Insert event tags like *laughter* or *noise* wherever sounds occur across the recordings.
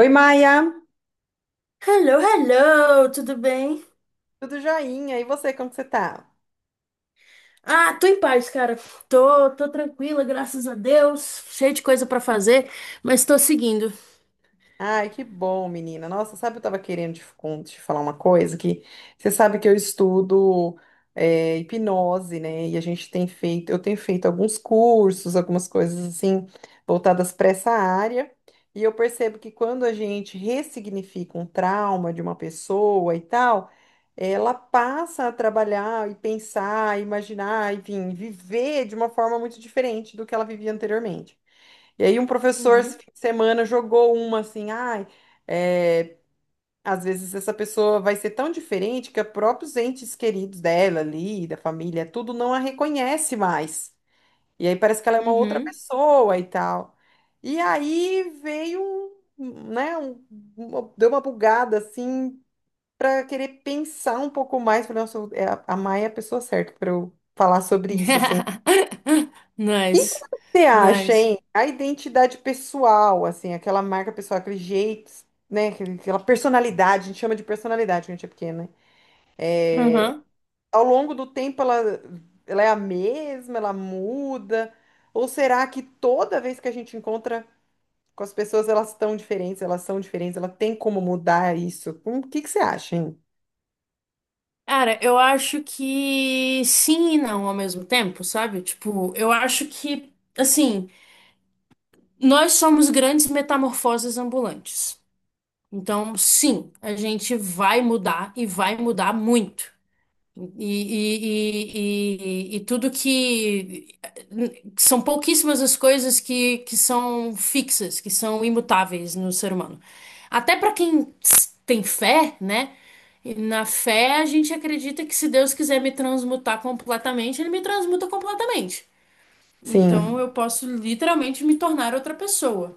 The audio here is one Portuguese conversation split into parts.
Oi, Maia, Hello, hello, tudo bem? tudo joinha? E você, como que você tá? Ah, tô em paz, cara. Tô tranquila, graças a Deus. Cheio de coisa pra fazer, mas tô seguindo. Ai, que bom, menina. Nossa, sabe, eu tava querendo te, te falar uma coisa que você sabe que eu estudo hipnose, né? E a gente tem feito, eu tenho feito alguns cursos, algumas coisas assim voltadas para essa área. E eu percebo que quando a gente ressignifica um trauma de uma pessoa e tal, ela passa a trabalhar e pensar, imaginar, enfim, viver de uma forma muito diferente do que ela vivia anteriormente. E aí um professor esse Uhum, fim de semana jogou uma assim, ai, é, às vezes essa pessoa vai ser tão diferente que os próprios entes queridos dela ali, da família, tudo não a reconhece mais. E aí parece que ela é uma outra uhum. pessoa e tal. E aí veio, um, né, deu uma bugada assim para querer pensar um pouco mais, falei, nossa, é a Maia é a pessoa certa para eu falar sobre isso, assim. *laughs* E que Nice, você acha, nice. hein? A identidade pessoal, assim, aquela marca pessoal, aquele jeito, né? Aquela personalidade, a gente chama de personalidade quando a gente é pequena, né? Uhum. Ao longo do tempo, ela é a mesma, ela muda? Ou será que toda vez que a gente encontra com as pessoas, elas estão diferentes, elas são diferentes, ela tem como mudar isso? O que que você acha, hein? Cara, eu acho que sim e não ao mesmo tempo, sabe? Tipo, eu acho que, assim, nós somos grandes metamorfoses ambulantes. Então, sim, a gente vai mudar e vai mudar muito. E, e tudo que. São pouquíssimas as coisas que são fixas, que são imutáveis no ser humano. Até para quem tem fé, né? E na fé, a gente acredita que, se Deus quiser me transmutar completamente, ele me transmuta completamente. Então Sim. eu posso literalmente me tornar outra pessoa.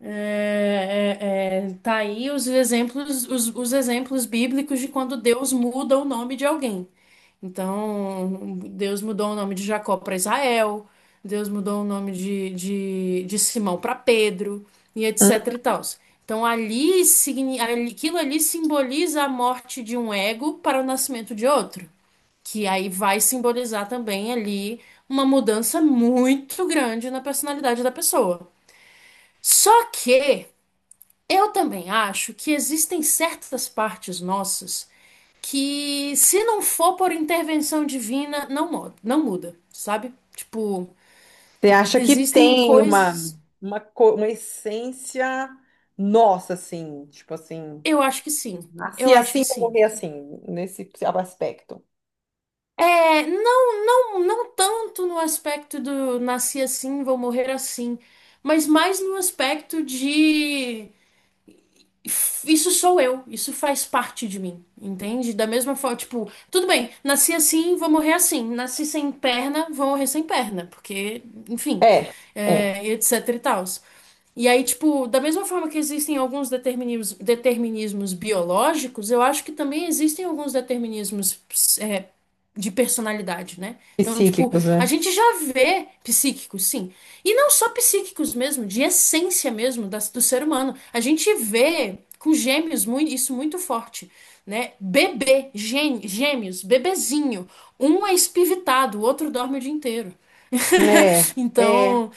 Tá aí os exemplos, os exemplos bíblicos de quando Deus muda o nome de alguém. Então, Deus mudou o nome de Jacó para Israel, Deus mudou o nome de, de Simão para Pedro, e Hum? etc e tal. Então, aquilo ali simboliza a morte de um ego para o nascimento de outro, que aí vai simbolizar também ali uma mudança muito grande na personalidade da pessoa. Só que eu também acho que existem certas partes nossas que, se não for por intervenção divina, não muda, sabe? Tipo, Você acha que existem tem coisas. uma, uma essência nossa, assim, tipo assim. Eu acho que sim. Nasci Eu acho assim, que vou sim. morrer assim, nesse aspecto. É, não tanto no aspecto do nasci assim, vou morrer assim, mas mais no aspecto de: isso sou eu, isso faz parte de mim, entende? Da mesma forma, tipo, tudo bem, nasci assim, vou morrer assim, nasci sem perna, vou morrer sem perna, porque, enfim, É, é. é, etc e tal. E aí, tipo, da mesma forma que existem alguns determinismos, determinismos biológicos, eu acho que também existem alguns determinismos, é, de personalidade, né? Então, tipo, Psíquicos, a né? gente já vê psíquicos, sim. E não só psíquicos mesmo, de essência mesmo do ser humano. A gente vê com gêmeos muito, isso muito forte, né? Bebê, gêmeos, bebezinho. Um é espivitado, o outro dorme o dia inteiro. *laughs* É, é. Então,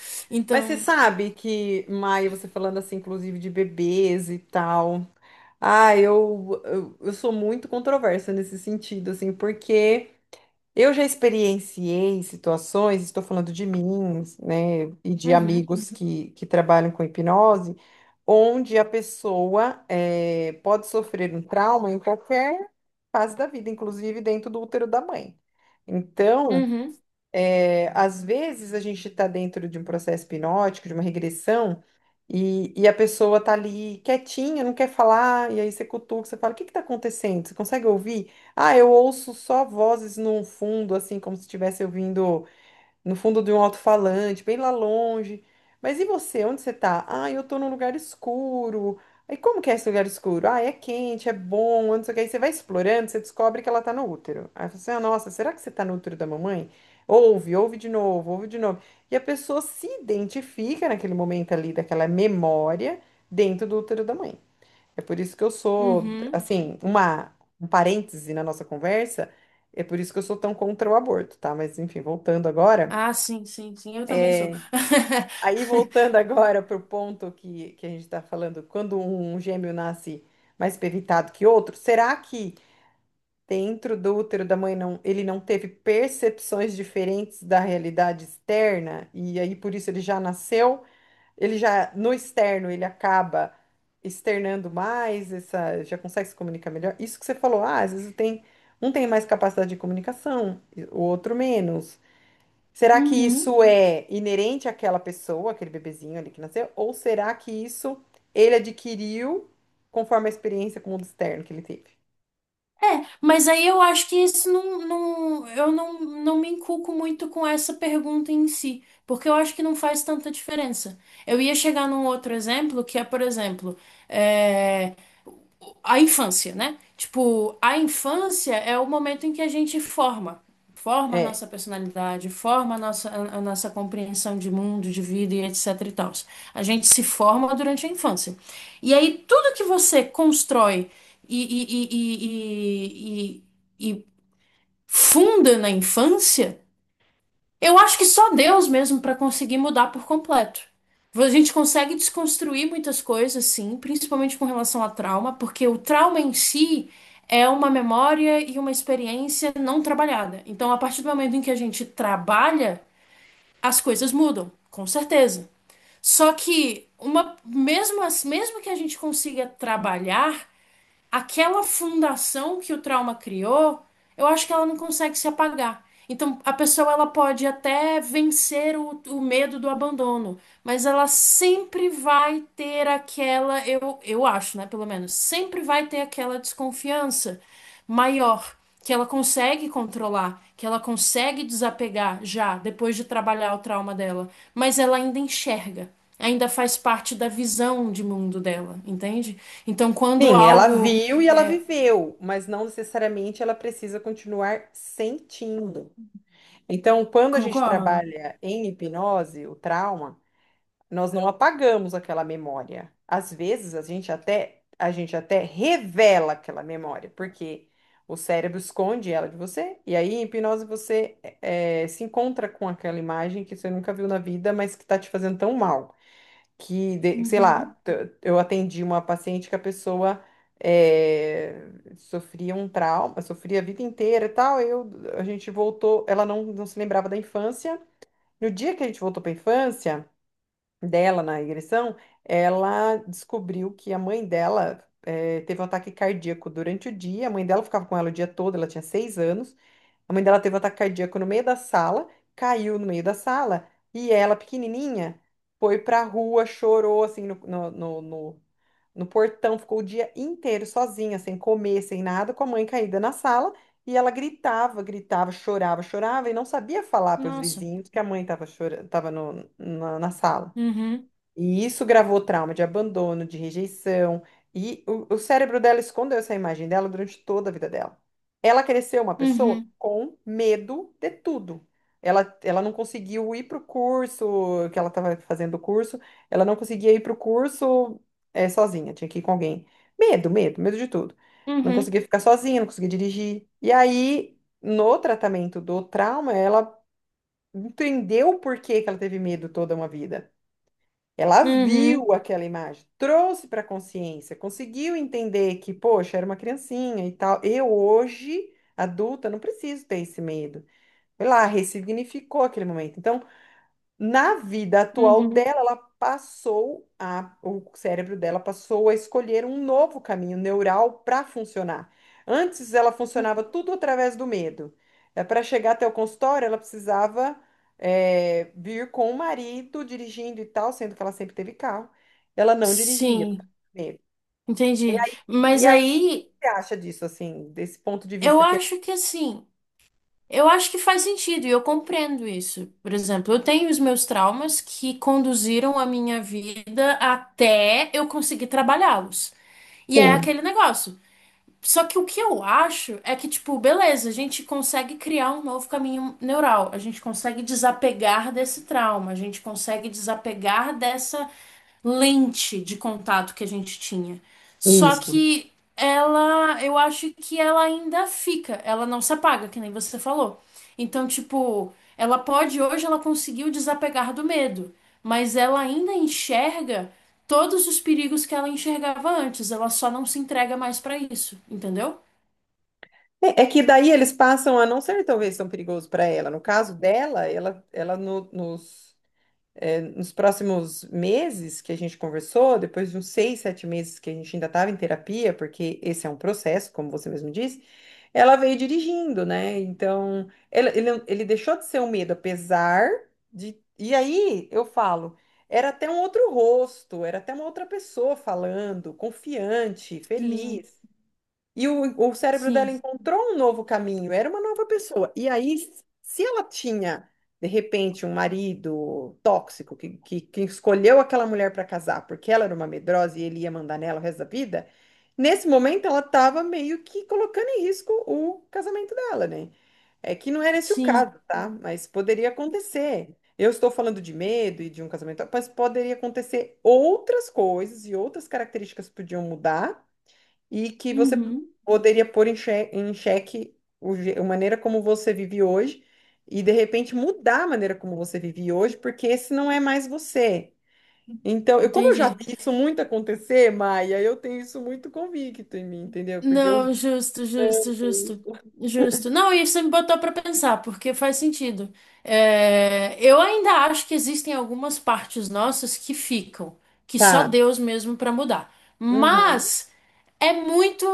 Mas você então, sabe que, Maia, você falando assim, inclusive de bebês e tal. Ah, eu sou muito controversa nesse sentido, assim, porque. Eu já experienciei situações, estou falando de mim, né, e de uhum, amigos que trabalham com hipnose, onde a pessoa pode sofrer um trauma em qualquer fase da vida, inclusive dentro do útero da mãe. Então, uhum, é, às vezes a gente está dentro de um processo hipnótico, de uma regressão, e a pessoa tá ali quietinha, não quer falar, e aí você cutuca, você fala, o que que tá acontecendo? Você consegue ouvir? Ah, eu ouço só vozes no fundo, assim, como se estivesse ouvindo no fundo de um alto-falante, bem lá longe. Mas e você? Onde você tá? Ah, eu tô num lugar escuro. Aí como que é esse lugar escuro? Ah, é quente, é bom, não sei o que. Aí você vai explorando, você descobre que ela tá no útero. Aí você, ah, nossa, será que você tá no útero da mamãe? Ouve, ouve de novo, ouve de novo. E a pessoa se identifica naquele momento ali, daquela memória, dentro do útero da mãe. É por isso que eu sou, uhum. assim, uma, um parêntese na nossa conversa, é por isso que eu sou tão contra o aborto, tá? Mas enfim, voltando agora. Ah, sim, sim, sim, eu também sou. É, aí voltando *laughs* agora para o ponto que a gente está falando, quando um gêmeo nasce mais pevitado que outro, será que dentro do útero da mãe não, ele não teve percepções diferentes da realidade externa? E aí por isso ele já nasceu, ele já no externo ele acaba externando mais, essa, já consegue se comunicar melhor? Isso que você falou, ah, às vezes tem, um tem mais capacidade de comunicação, e o outro menos. Será que Uhum. isso é inerente àquela pessoa, aquele bebezinho ali que nasceu? Ou será que isso ele adquiriu conforme a experiência com o mundo externo que ele teve? É, mas aí eu acho que isso eu não me inculco muito com essa pergunta em si, porque eu acho que não faz tanta diferença. Eu ia chegar num outro exemplo, que é, por exemplo, eh, a infância, né? Tipo, a infância é o momento em que a gente forma. Forma a É. nossa personalidade, forma a nossa, a nossa compreensão de mundo, de vida e etc e tal. A gente se forma durante a infância. E aí, tudo que você constrói e, e, e, e, e, e e funda na infância, eu acho que só Deus mesmo para conseguir mudar por completo. A gente consegue desconstruir muitas coisas, sim, principalmente com relação a trauma, porque o trauma em si é uma memória e uma experiência não trabalhada. Então, a partir do momento em que a gente trabalha, as coisas mudam, com certeza. Só que mesmo que a gente consiga trabalhar, aquela fundação que o trauma criou, eu acho que ela não consegue se apagar. Então, a pessoa, ela pode até vencer o medo do abandono, mas ela sempre vai ter aquela, eu acho, né, pelo menos, sempre vai ter aquela desconfiança maior, que ela consegue controlar, que ela consegue desapegar já depois de trabalhar o trauma dela, mas ela ainda enxerga. Ainda faz parte da visão de mundo dela, entende? Então, quando Sim, ela algo. viu e ela É... viveu, mas não necessariamente ela precisa continuar sentindo. Então, quando a gente Concordo. trabalha em hipnose, o trauma, nós não apagamos aquela memória. Às vezes a gente até revela aquela memória, porque o cérebro esconde ela de você, e aí em hipnose você se encontra com aquela imagem que você nunca viu na vida, mas que está te fazendo tão mal. Que, Uhum. Eu atendi uma paciente que a pessoa eh, sofria um trauma, sofria a vida inteira e tal. Eu, a gente voltou, ela não se lembrava da infância. No dia que a gente voltou para a infância, dela na regressão, ela descobriu que a mãe dela teve um ataque cardíaco durante o dia. A mãe dela ficava com ela o dia todo, ela tinha seis anos. A mãe dela teve um ataque cardíaco no meio da sala, caiu no meio da sala e ela, pequenininha, foi pra rua, chorou assim no portão, ficou o dia inteiro sozinha, sem comer, sem nada, com a mãe caída na sala. E ela gritava, gritava, chorava, chorava e não sabia falar para os Nossa. vizinhos que a mãe estava chorando, estava na sala. Uhum, E isso gravou trauma de abandono, de rejeição. E o cérebro dela escondeu essa imagem dela durante toda a vida dela. Ela cresceu uma pessoa uhum, com medo de tudo. Ela não conseguiu ir para o curso, que ela estava fazendo o curso, ela não conseguia ir para o curso sozinha, tinha que ir com alguém. Medo, medo, medo de tudo. Não uhum, conseguia ficar sozinha, não conseguia dirigir. E aí, no tratamento do trauma, ela entendeu por que que ela teve medo toda uma vida. Ela uhum, viu aquela imagem, trouxe para a consciência, conseguiu entender que, poxa, era uma criancinha e tal. Eu hoje, adulta, não preciso ter esse medo. Foi lá, ressignificou aquele momento. Então, na vida atual uhum. dela, ela passou a, o cérebro dela passou a escolher um novo caminho neural para funcionar. Antes ela funcionava tudo através do medo. Para chegar até o consultório, ela precisava é, vir com o marido dirigindo e tal, sendo que ela sempre teve carro. Ela não dirigia por causa Sim, do medo. entendi. E Mas aí, o que aí você acha disso, assim, desse ponto de eu vista que... acho que assim, eu acho que faz sentido e eu compreendo isso. Por exemplo, eu tenho os meus traumas que conduziram a minha vida até eu conseguir trabalhá-los. E é Sim, aquele negócio. Só que o que eu acho é que, tipo, beleza, a gente consegue criar um novo caminho neural, a gente consegue desapegar desse trauma, a gente consegue desapegar dessa lente de contato que a gente tinha. Só isso. que ela, eu acho que ela ainda fica, ela não se apaga, que nem você falou. Então, tipo, ela pode, hoje ela conseguiu desapegar do medo, mas ela ainda enxerga todos os perigos que ela enxergava antes. Ela só não se entrega mais pra isso, entendeu? É, é que daí eles passam a não ser talvez tão perigoso para ela. No caso dela, ela nos, é, nos próximos meses que a gente conversou, depois de uns seis, sete meses que a gente ainda estava em terapia, porque esse é um processo, como você mesmo disse, ela veio dirigindo, né? Então, ele deixou de ser um medo, apesar de. E aí eu falo, era até um outro rosto, era até uma outra pessoa falando, confiante, Sim, feliz. E o cérebro dela sim, encontrou um novo caminho, era uma nova pessoa. E aí, se ela tinha, de repente, um marido tóxico que escolheu aquela mulher para casar porque ela era uma medrosa e ele ia mandar nela o resto da vida, nesse momento ela estava meio que colocando em risco o casamento dela, né? É que não era esse o sim. caso, tá? Mas poderia acontecer. Eu estou falando de medo e de um casamento, mas poderia acontecer outras coisas e outras características podiam mudar e que você Uhum. poderia pôr em em xeque a maneira como você vive hoje e de repente mudar a maneira como você vive hoje, porque esse não é mais você. Então, eu, como eu já Entendi. vi isso muito acontecer, Maia, eu tenho isso muito convicto em mim, entendeu? Porque eu. Não, justo, justo, justo. Justo. Não, isso me botou pra pensar, porque faz sentido. É, eu ainda acho que existem algumas partes nossas que ficam, que só Tá. Deus mesmo pra mudar. Uhum. Mas é muito.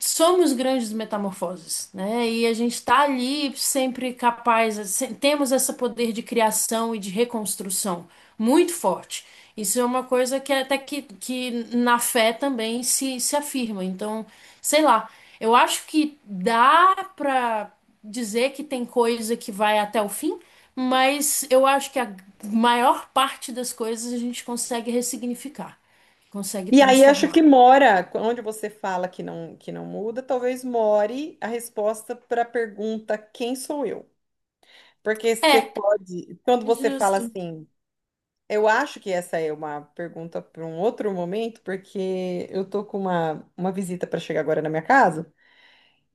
Somos grandes metamorfoses, né? E a gente está ali sempre capaz, temos esse poder de criação e de reconstrução muito forte. Isso é uma coisa que que na fé também se afirma. Então, sei lá, eu acho que dá para dizer que tem coisa que vai até o fim, mas eu acho que a maior parte das coisas a gente consegue ressignificar, consegue E aí acho que transformar. mora, onde você fala que não muda, talvez more a resposta para a pergunta quem sou eu? Porque você É, pode, quando você fala justo. assim, eu acho que essa é uma pergunta para um outro momento, porque eu tô com uma visita para chegar agora na minha casa.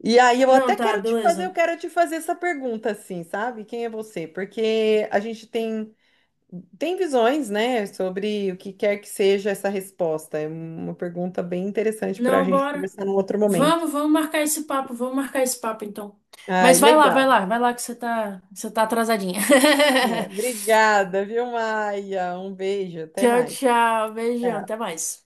E aí Não, tá, eu beleza. quero te fazer essa pergunta assim, sabe? Quem é você? Porque a gente tem visões, né, sobre o que quer que seja essa resposta. É uma pergunta bem interessante para a Não, gente bora. conversar num outro momento. Vamos marcar esse papo, vamos marcar esse papo então. Ai, Mas vai lá, legal. vai lá, vai lá que você tá atrasadinha. *laughs* É, obrigada, viu, Maia? Um beijo, até Tchau, mais. tchau, beijão, Tchau. até mais.